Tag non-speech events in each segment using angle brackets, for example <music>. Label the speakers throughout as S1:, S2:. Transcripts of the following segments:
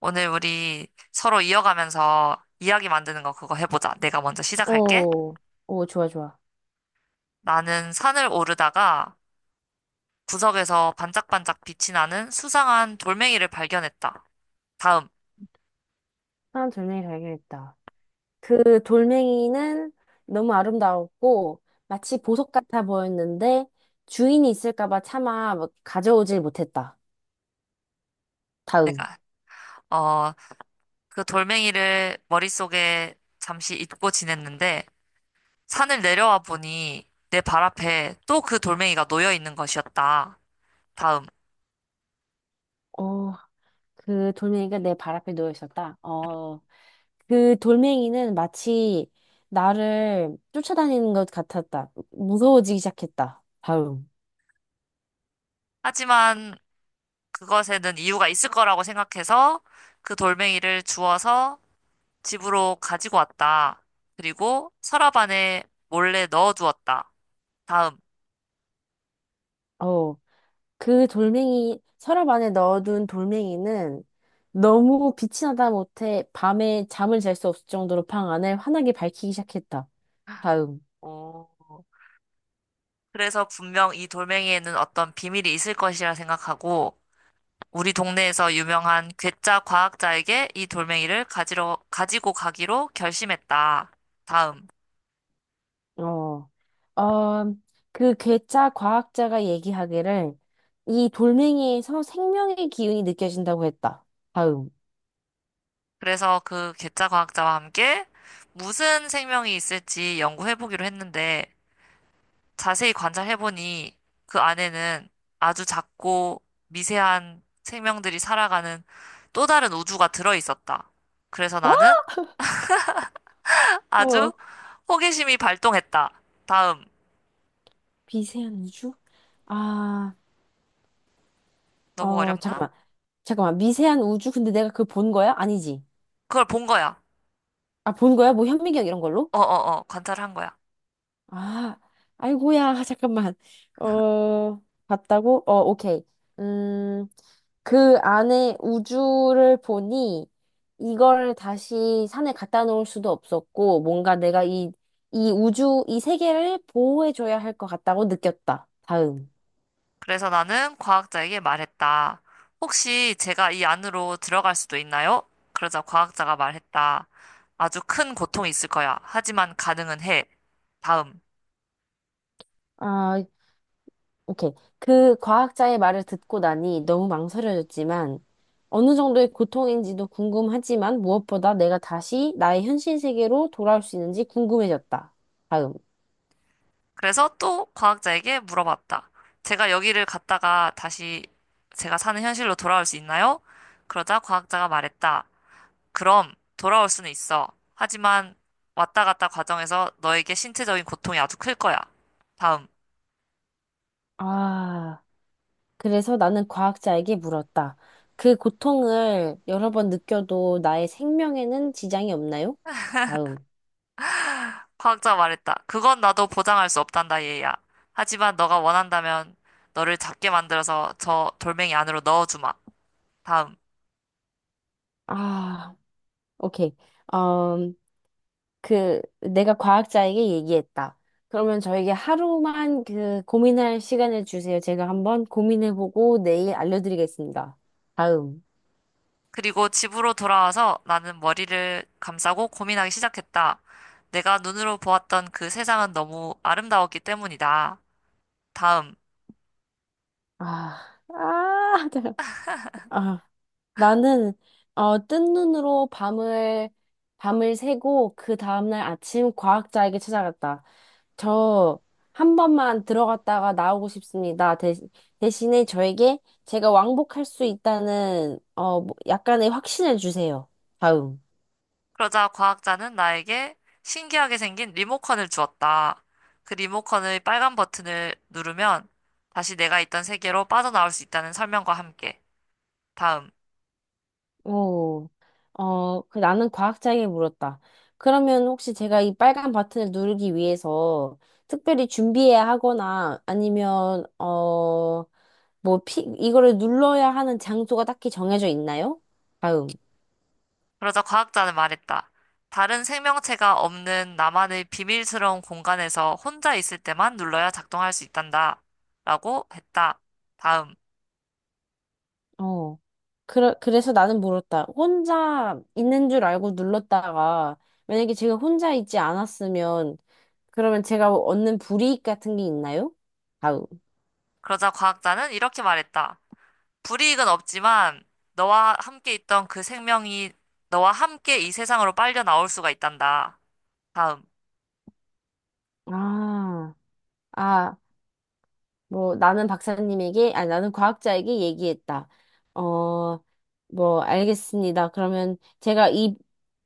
S1: 오늘 우리 서로 이어가면서 이야기 만드는 거 그거 해보자. 내가 먼저 시작할게.
S2: 오, 오, 좋아, 좋아.
S1: 나는 산을 오르다가 구석에서 반짝반짝 빛이 나는 수상한 돌멩이를 발견했다. 다음,
S2: 사람 돌멩이 발견했다. 그 돌멩이는 너무 아름다웠고, 마치 보석 같아 보였는데, 주인이 있을까봐 차마 뭐 가져오질 못했다. 다음.
S1: 내가. 어, 그 돌멩이를 머릿속에 잠시 잊고 지냈는데 산을 내려와 보니 내 발 앞에 또 그 돌멩이가 놓여 있는 것이었다. 다음.
S2: 어, 그 돌멩이가 내 발 앞에 놓여 있었다. 그 돌멩이는 마치 나를 쫓아다니는 것 같았다. 무서워지기 시작했다. 다음.
S1: 하지만 그것에는 이유가 있을 거라고 생각해서 그 돌멩이를 주워서 집으로 가지고 왔다. 그리고 서랍 안에 몰래 넣어두었다. 다음.
S2: 어. 그 돌멩이, 서랍 안에 넣어둔 돌멩이는 너무 빛이 나다 못해 밤에 잠을 잘 수 없을 정도로 방 안을 환하게 밝히기 시작했다. 다음.
S1: 오. 그래서 분명 이 돌멩이에는 어떤 비밀이 있을 것이라 생각하고 우리 동네에서 유명한 괴짜 과학자에게 이 돌멩이를 가지고 가기로 결심했다. 다음.
S2: 어, 어, 그 괴짜 과학자가 얘기하기를 이 돌멩이에서 생명의 기운이 느껴진다고 했다. 다음.
S1: 그래서 그 괴짜 과학자와 함께 무슨 생명이 있을지 연구해보기로 했는데 자세히 관찰해보니 그 안에는 아주 작고 미세한 생명들이 살아가는 또 다른 우주가 들어있었다. 그래서
S2: 어?
S1: 나는 아주
S2: 어,
S1: 호기심이 발동했다. 다음.
S2: 미세한 우주? 아,
S1: 너무 어렵나?
S2: 잠깐만. 잠깐만. 미세한 우주? 근데 내가 그 본 거야? 아니지.
S1: 그걸 본 거야.
S2: 아, 본 거야? 뭐 현미경 이런 걸로?
S1: 어어어, 관찰한 거야.
S2: 아, 아이고야, <laughs> 잠깐만. 어, 봤다고? 어, 오케이. 음, 그 안에 우주를 보니 이걸 다시 산에 갖다 놓을 수도 없었고, 뭔가 내가 이 우주, 이 세계를 보호해줘야 할 것 같다고 느꼈다. 다음.
S1: 그래서 나는 과학자에게 말했다. 혹시 제가 이 안으로 들어갈 수도 있나요? 그러자 과학자가 말했다. 아주 큰 고통이 있을 거야. 하지만 가능은 해. 다음.
S2: 아, 오케이. 그 과학자의 말을 듣고 나니 너무 망설여졌지만 어느 정도의 고통인지도 궁금하지만 무엇보다 내가 다시 나의 현실 세계로 돌아올 수 있는지 궁금해졌다. 다음.
S1: 그래서 또 과학자에게 물어봤다. 제가 여기를 갔다가 다시 제가 사는 현실로 돌아올 수 있나요? 그러자 과학자가 말했다. 그럼 돌아올 수는 있어. 하지만 왔다 갔다 과정에서 너에게 신체적인 고통이 아주 클 거야. 다음.
S2: 아, 그래서 나는 과학자에게 물었다. 그 고통을 여러 번 느껴도 나의 생명에는 지장이 없나요? 다음.
S1: 과학자가 말했다. 그건 나도 보장할 수 없단다, 얘야. 하지만 너가 원한다면 너를 작게 만들어서 저 돌멩이 안으로 넣어주마. 다음.
S2: 아, 오케이. 음, 그 내가 과학자에게 얘기했다. 그러면 저에게 하루만 그 고민할 시간을 주세요. 제가 한번 고민해보고 내일 알려드리겠습니다. 다음.
S1: 그리고 집으로 돌아와서 나는 머리를 감싸고 고민하기 시작했다. 내가 눈으로 보았던 그 세상은 너무 아름다웠기 때문이다. 다음.
S2: 아, 아, <laughs> 아. 나는 뜬 눈으로 밤을 새고 그 다음날 아침 과학자에게 찾아갔다. 저 한 번만 들어갔다가 나오고 싶습니다. 대신에 저에게 제가 왕복할 수 있다는 뭐, 약간의 확신을 주세요. 다음.
S1: 그러자 과학자는 나에게 신기하게 생긴 리모컨을 주었다. 그 리모컨의 빨간 버튼을 누르면 다시 내가 있던 세계로 빠져나올 수 있다는 설명과 함께. 다음.
S2: 오, 그 나는 과학자에게 물었다. 그러면 혹시 제가 이 빨간 버튼을 누르기 위해서 특별히 준비해야 하거나 아니면, 뭐, 이거를 눌러야 하는 장소가 딱히 정해져 있나요? 다음.
S1: 그러자 과학자는 말했다. 다른 생명체가 없는 나만의 비밀스러운 공간에서 혼자 있을 때만 눌러야 작동할 수 있단다. 라고 했다. 다음.
S2: 어. 그래, 그래서 나는 물었다. 혼자 있는 줄 알고 눌렀다가 만약에 제가 혼자 있지 않았으면 그러면 제가 얻는 불이익 같은 게 있나요? 다음.
S1: 그러자 과학자는 이렇게 말했다. 불이익은 없지만 너와 함께 있던 그 생명이 너와 함께 이 세상으로 빨려 나올 수가 있단다. 다음.
S2: 아, 아, 뭐 나는 박사님에게 아니 나는 과학자에게 얘기했다. 어, 뭐 알겠습니다. 그러면 제가 이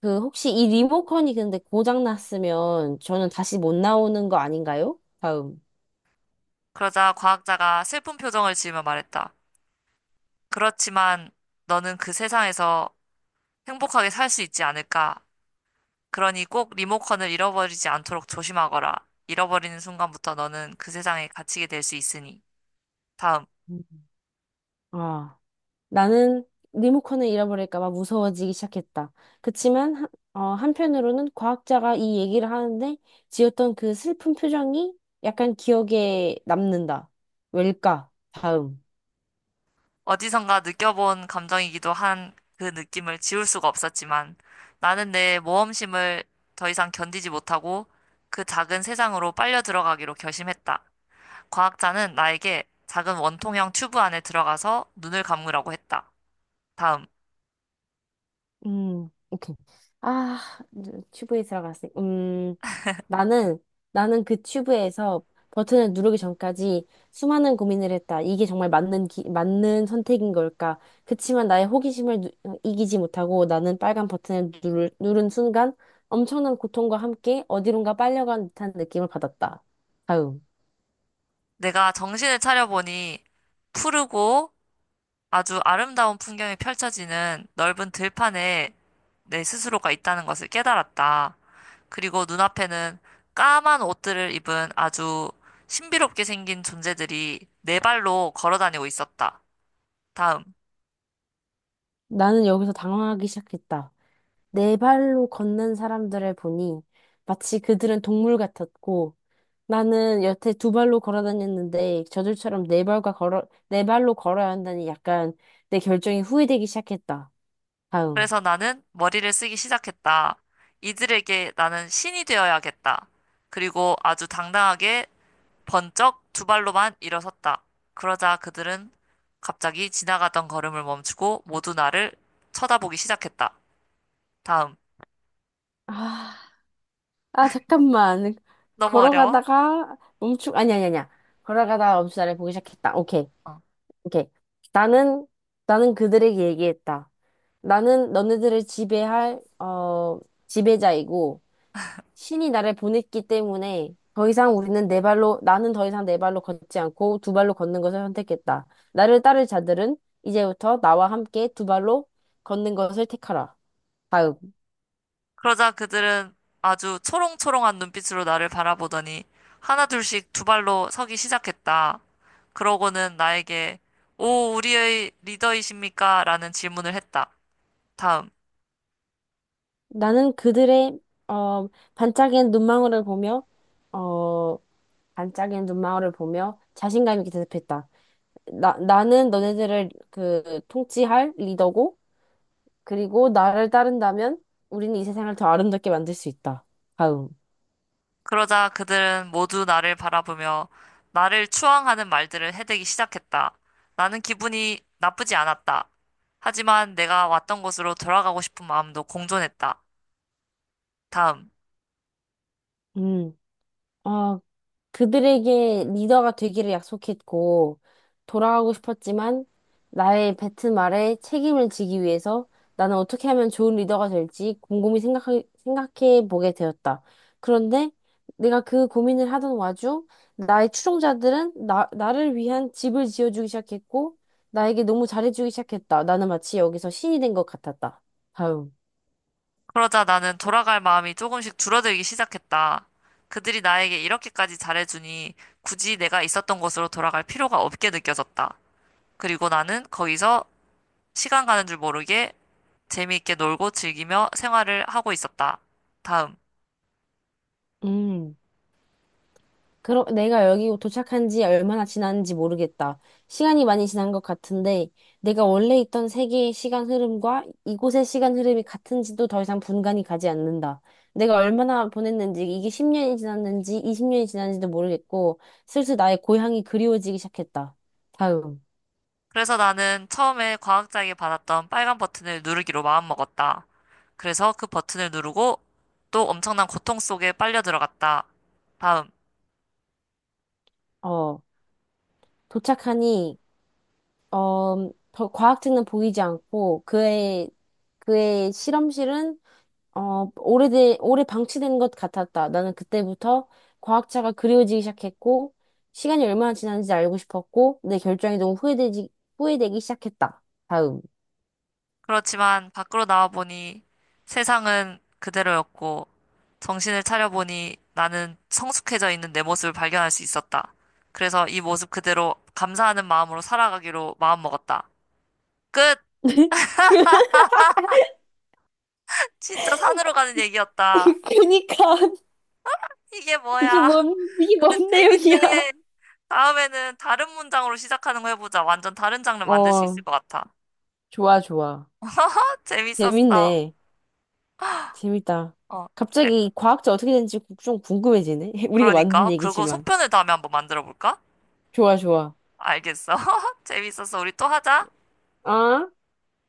S2: 그 혹시 이 리모컨이 근데 고장 났으면 저는 다시 못 나오는 거 아닌가요? 다음.
S1: 그러자 과학자가 슬픈 표정을 지으며 말했다. 그렇지만 너는 그 세상에서 행복하게 살 수 있지 않을까? 그러니 꼭 리모컨을 잃어버리지 않도록 조심하거라. 잃어버리는 순간부터 너는 그 세상에 갇히게 될 수 있으니. 다음.
S2: 음. 아, 나는 리모컨을 잃어버릴까 봐 무서워지기 시작했다. 그치만 한편으로는 과학자가 이 얘기를 하는데 지었던 그 슬픈 표정이 약간 기억에 남는다. 왜일까? 다음.
S1: 어디선가 느껴본 감정이기도 한 그 느낌을 지울 수가 없었지만 나는 내 모험심을 더 이상 견디지 못하고 그 작은 세상으로 빨려 들어가기로 결심했다. 과학자는 나에게 작은 원통형 튜브 안에 들어가서 눈을 감으라고 했다. 다음.
S2: 오케이. 아, 이제 튜브에 들어갔어. 나는, 나는 그 튜브에서 버튼을 누르기 전까지 수많은 고민을 했다. 이게 정말 맞는 선택인 걸까? 그치만 나의 호기심을 이기지 못하고 나는 빨간 버튼을 누른 순간 엄청난 고통과 함께 어디론가 빨려간 듯한 느낌을 받았다. 다음.
S1: 내가 정신을 차려보니 푸르고 아주 아름다운 풍경이 펼쳐지는 넓은 들판에 내 스스로가 있다는 것을 깨달았다. 그리고 눈앞에는 까만 옷들을 입은 아주 신비롭게 생긴 존재들이 네 발로 걸어 다니고 있었다. 다음.
S2: 나는 여기서 당황하기 시작했다. 네 발로 걷는 사람들을 보니 마치 그들은 동물 같았고 나는 여태 두 발로 걸어 다녔는데 저들처럼 네 발로 걸어야 한다니 약간 내 결정이 후회되기 시작했다. 다음.
S1: 그래서 나는 머리를 쓰기 시작했다. 이들에게 나는 신이 되어야겠다. 그리고 아주 당당하게 번쩍 두 발로만 일어섰다. 그러자 그들은 갑자기 지나가던 걸음을 멈추고 모두 나를 쳐다보기 시작했다. 다음.
S2: 아, 아 잠깐만.
S1: 너무 어려워?
S2: 걸어가다가 멈추 아니 아니 아니야. 걸어가다가 멈추다를 보기 시작했다. 오케이.
S1: 어.
S2: 오케이. 나는 나는 그들에게 얘기했다. 나는 너네들을 지배할 지배자이고 신이 나를 보냈기 때문에 더 이상 우리는 네 발로, 나는 더 이상 네 발로 걷지 않고 두 발로 걷는 것을 선택했다. 나를 따를 자들은 이제부터 나와 함께 두 발로 걷는 것을 택하라. 다음.
S1: 그러자 그들은 아주 초롱초롱한 눈빛으로 나를 바라보더니 하나둘씩 두 발로 서기 시작했다. 그러고는 나에게 오, 우리의 리더이십니까? 라는 질문을 했다. 다음.
S2: 나는 그들의, 어, 반짝이는 눈망울을 보며, 어, 반짝이는 눈망울을 보며 자신감 있게 대답했다. 나는 너네들을 그 통치할 리더고, 그리고 나를 따른다면 우리는 이 세상을 더 아름답게 만들 수 있다. 다음.
S1: 그러자 그들은 모두 나를 바라보며 나를 추앙하는 말들을 해대기 시작했다. 나는 기분이 나쁘지 않았다. 하지만 내가 왔던 곳으로 돌아가고 싶은 마음도 공존했다. 다음.
S2: 음. 아, 그들에게 리더가 되기를 약속했고, 돌아가고 싶었지만, 나의 뱉은 말에 책임을 지기 위해서 나는 어떻게 하면 좋은 리더가 될지 곰곰이 생각해 보게 되었다. 그런데 내가 그 고민을 하던 와중, 나의 추종자들은 나를 위한 집을 지어주기 시작했고, 나에게 너무 잘해주기 시작했다. 나는 마치 여기서 신이 된 것 같았다. 다음.
S1: 그러자 나는 돌아갈 마음이 조금씩 줄어들기 시작했다. 그들이 나에게 이렇게까지 잘해주니 굳이 내가 있었던 곳으로 돌아갈 필요가 없게 느껴졌다. 그리고 나는 거기서 시간 가는 줄 모르게 재미있게 놀고 즐기며 생활을 하고 있었다. 다음.
S2: 음. 그럼 내가 여기 도착한 지 얼마나 지났는지 모르겠다. 시간이 많이 지난 것 같은데, 내가 원래 있던 세계의 시간 흐름과 이곳의 시간 흐름이 같은지도 더 이상 분간이 가지 않는다. 내가 얼마나 보냈는지, 이게 10년이 지났는지, 20년이 지났는지도 모르겠고, 슬슬 나의 고향이 그리워지기 시작했다. 다음.
S1: 그래서 나는 처음에 과학자에게 받았던 빨간 버튼을 누르기로 마음먹었다. 그래서 그 버튼을 누르고 또 엄청난 고통 속에 빨려 들어갔다. 다음.
S2: 어, 도착하니, 더 과학책은 보이지 않고, 그의 실험실은 오래 방치된 것 같았다. 나는 그때부터 과학자가 그리워지기 시작했고, 시간이 얼마나 지났는지 알고 싶었고, 내 결정이 너무 후회되기 시작했다. 다음.
S1: 그렇지만 밖으로 나와보니 세상은 그대로였고 정신을 차려보니 나는 성숙해져 있는 내 모습을 발견할 수 있었다. 그래서 이 모습 그대로 감사하는 마음으로 살아가기로 마음먹었다. 끝!
S2: <laughs> 그,
S1: 진짜 산으로 가는 얘기였다.
S2: <laughs> 그니까,
S1: 이게
S2: 이게
S1: 뭐야? <laughs>
S2: 뭔, 이게
S1: 근데
S2: 뭔 내용이야?
S1: 재밌네. 다음에는 다른 문장으로 시작하는 거 해보자. 완전 다른 장르 만들 수
S2: 어,
S1: 있을 것 같아.
S2: 좋아, 좋아.
S1: <laughs> 재밌었어.
S2: 재밌네. 재밌다.
S1: 어, 그래,
S2: 갑자기 이 과학자 어떻게 되는지 좀 궁금해지네. <laughs> 우리가 만든
S1: 그러니까. 그리고
S2: 얘기지만.
S1: 속편을 다음에 한번 만들어 볼까?
S2: 좋아, 좋아.
S1: 알겠어. <laughs> 재밌었어. 우리 또 하자.
S2: 아.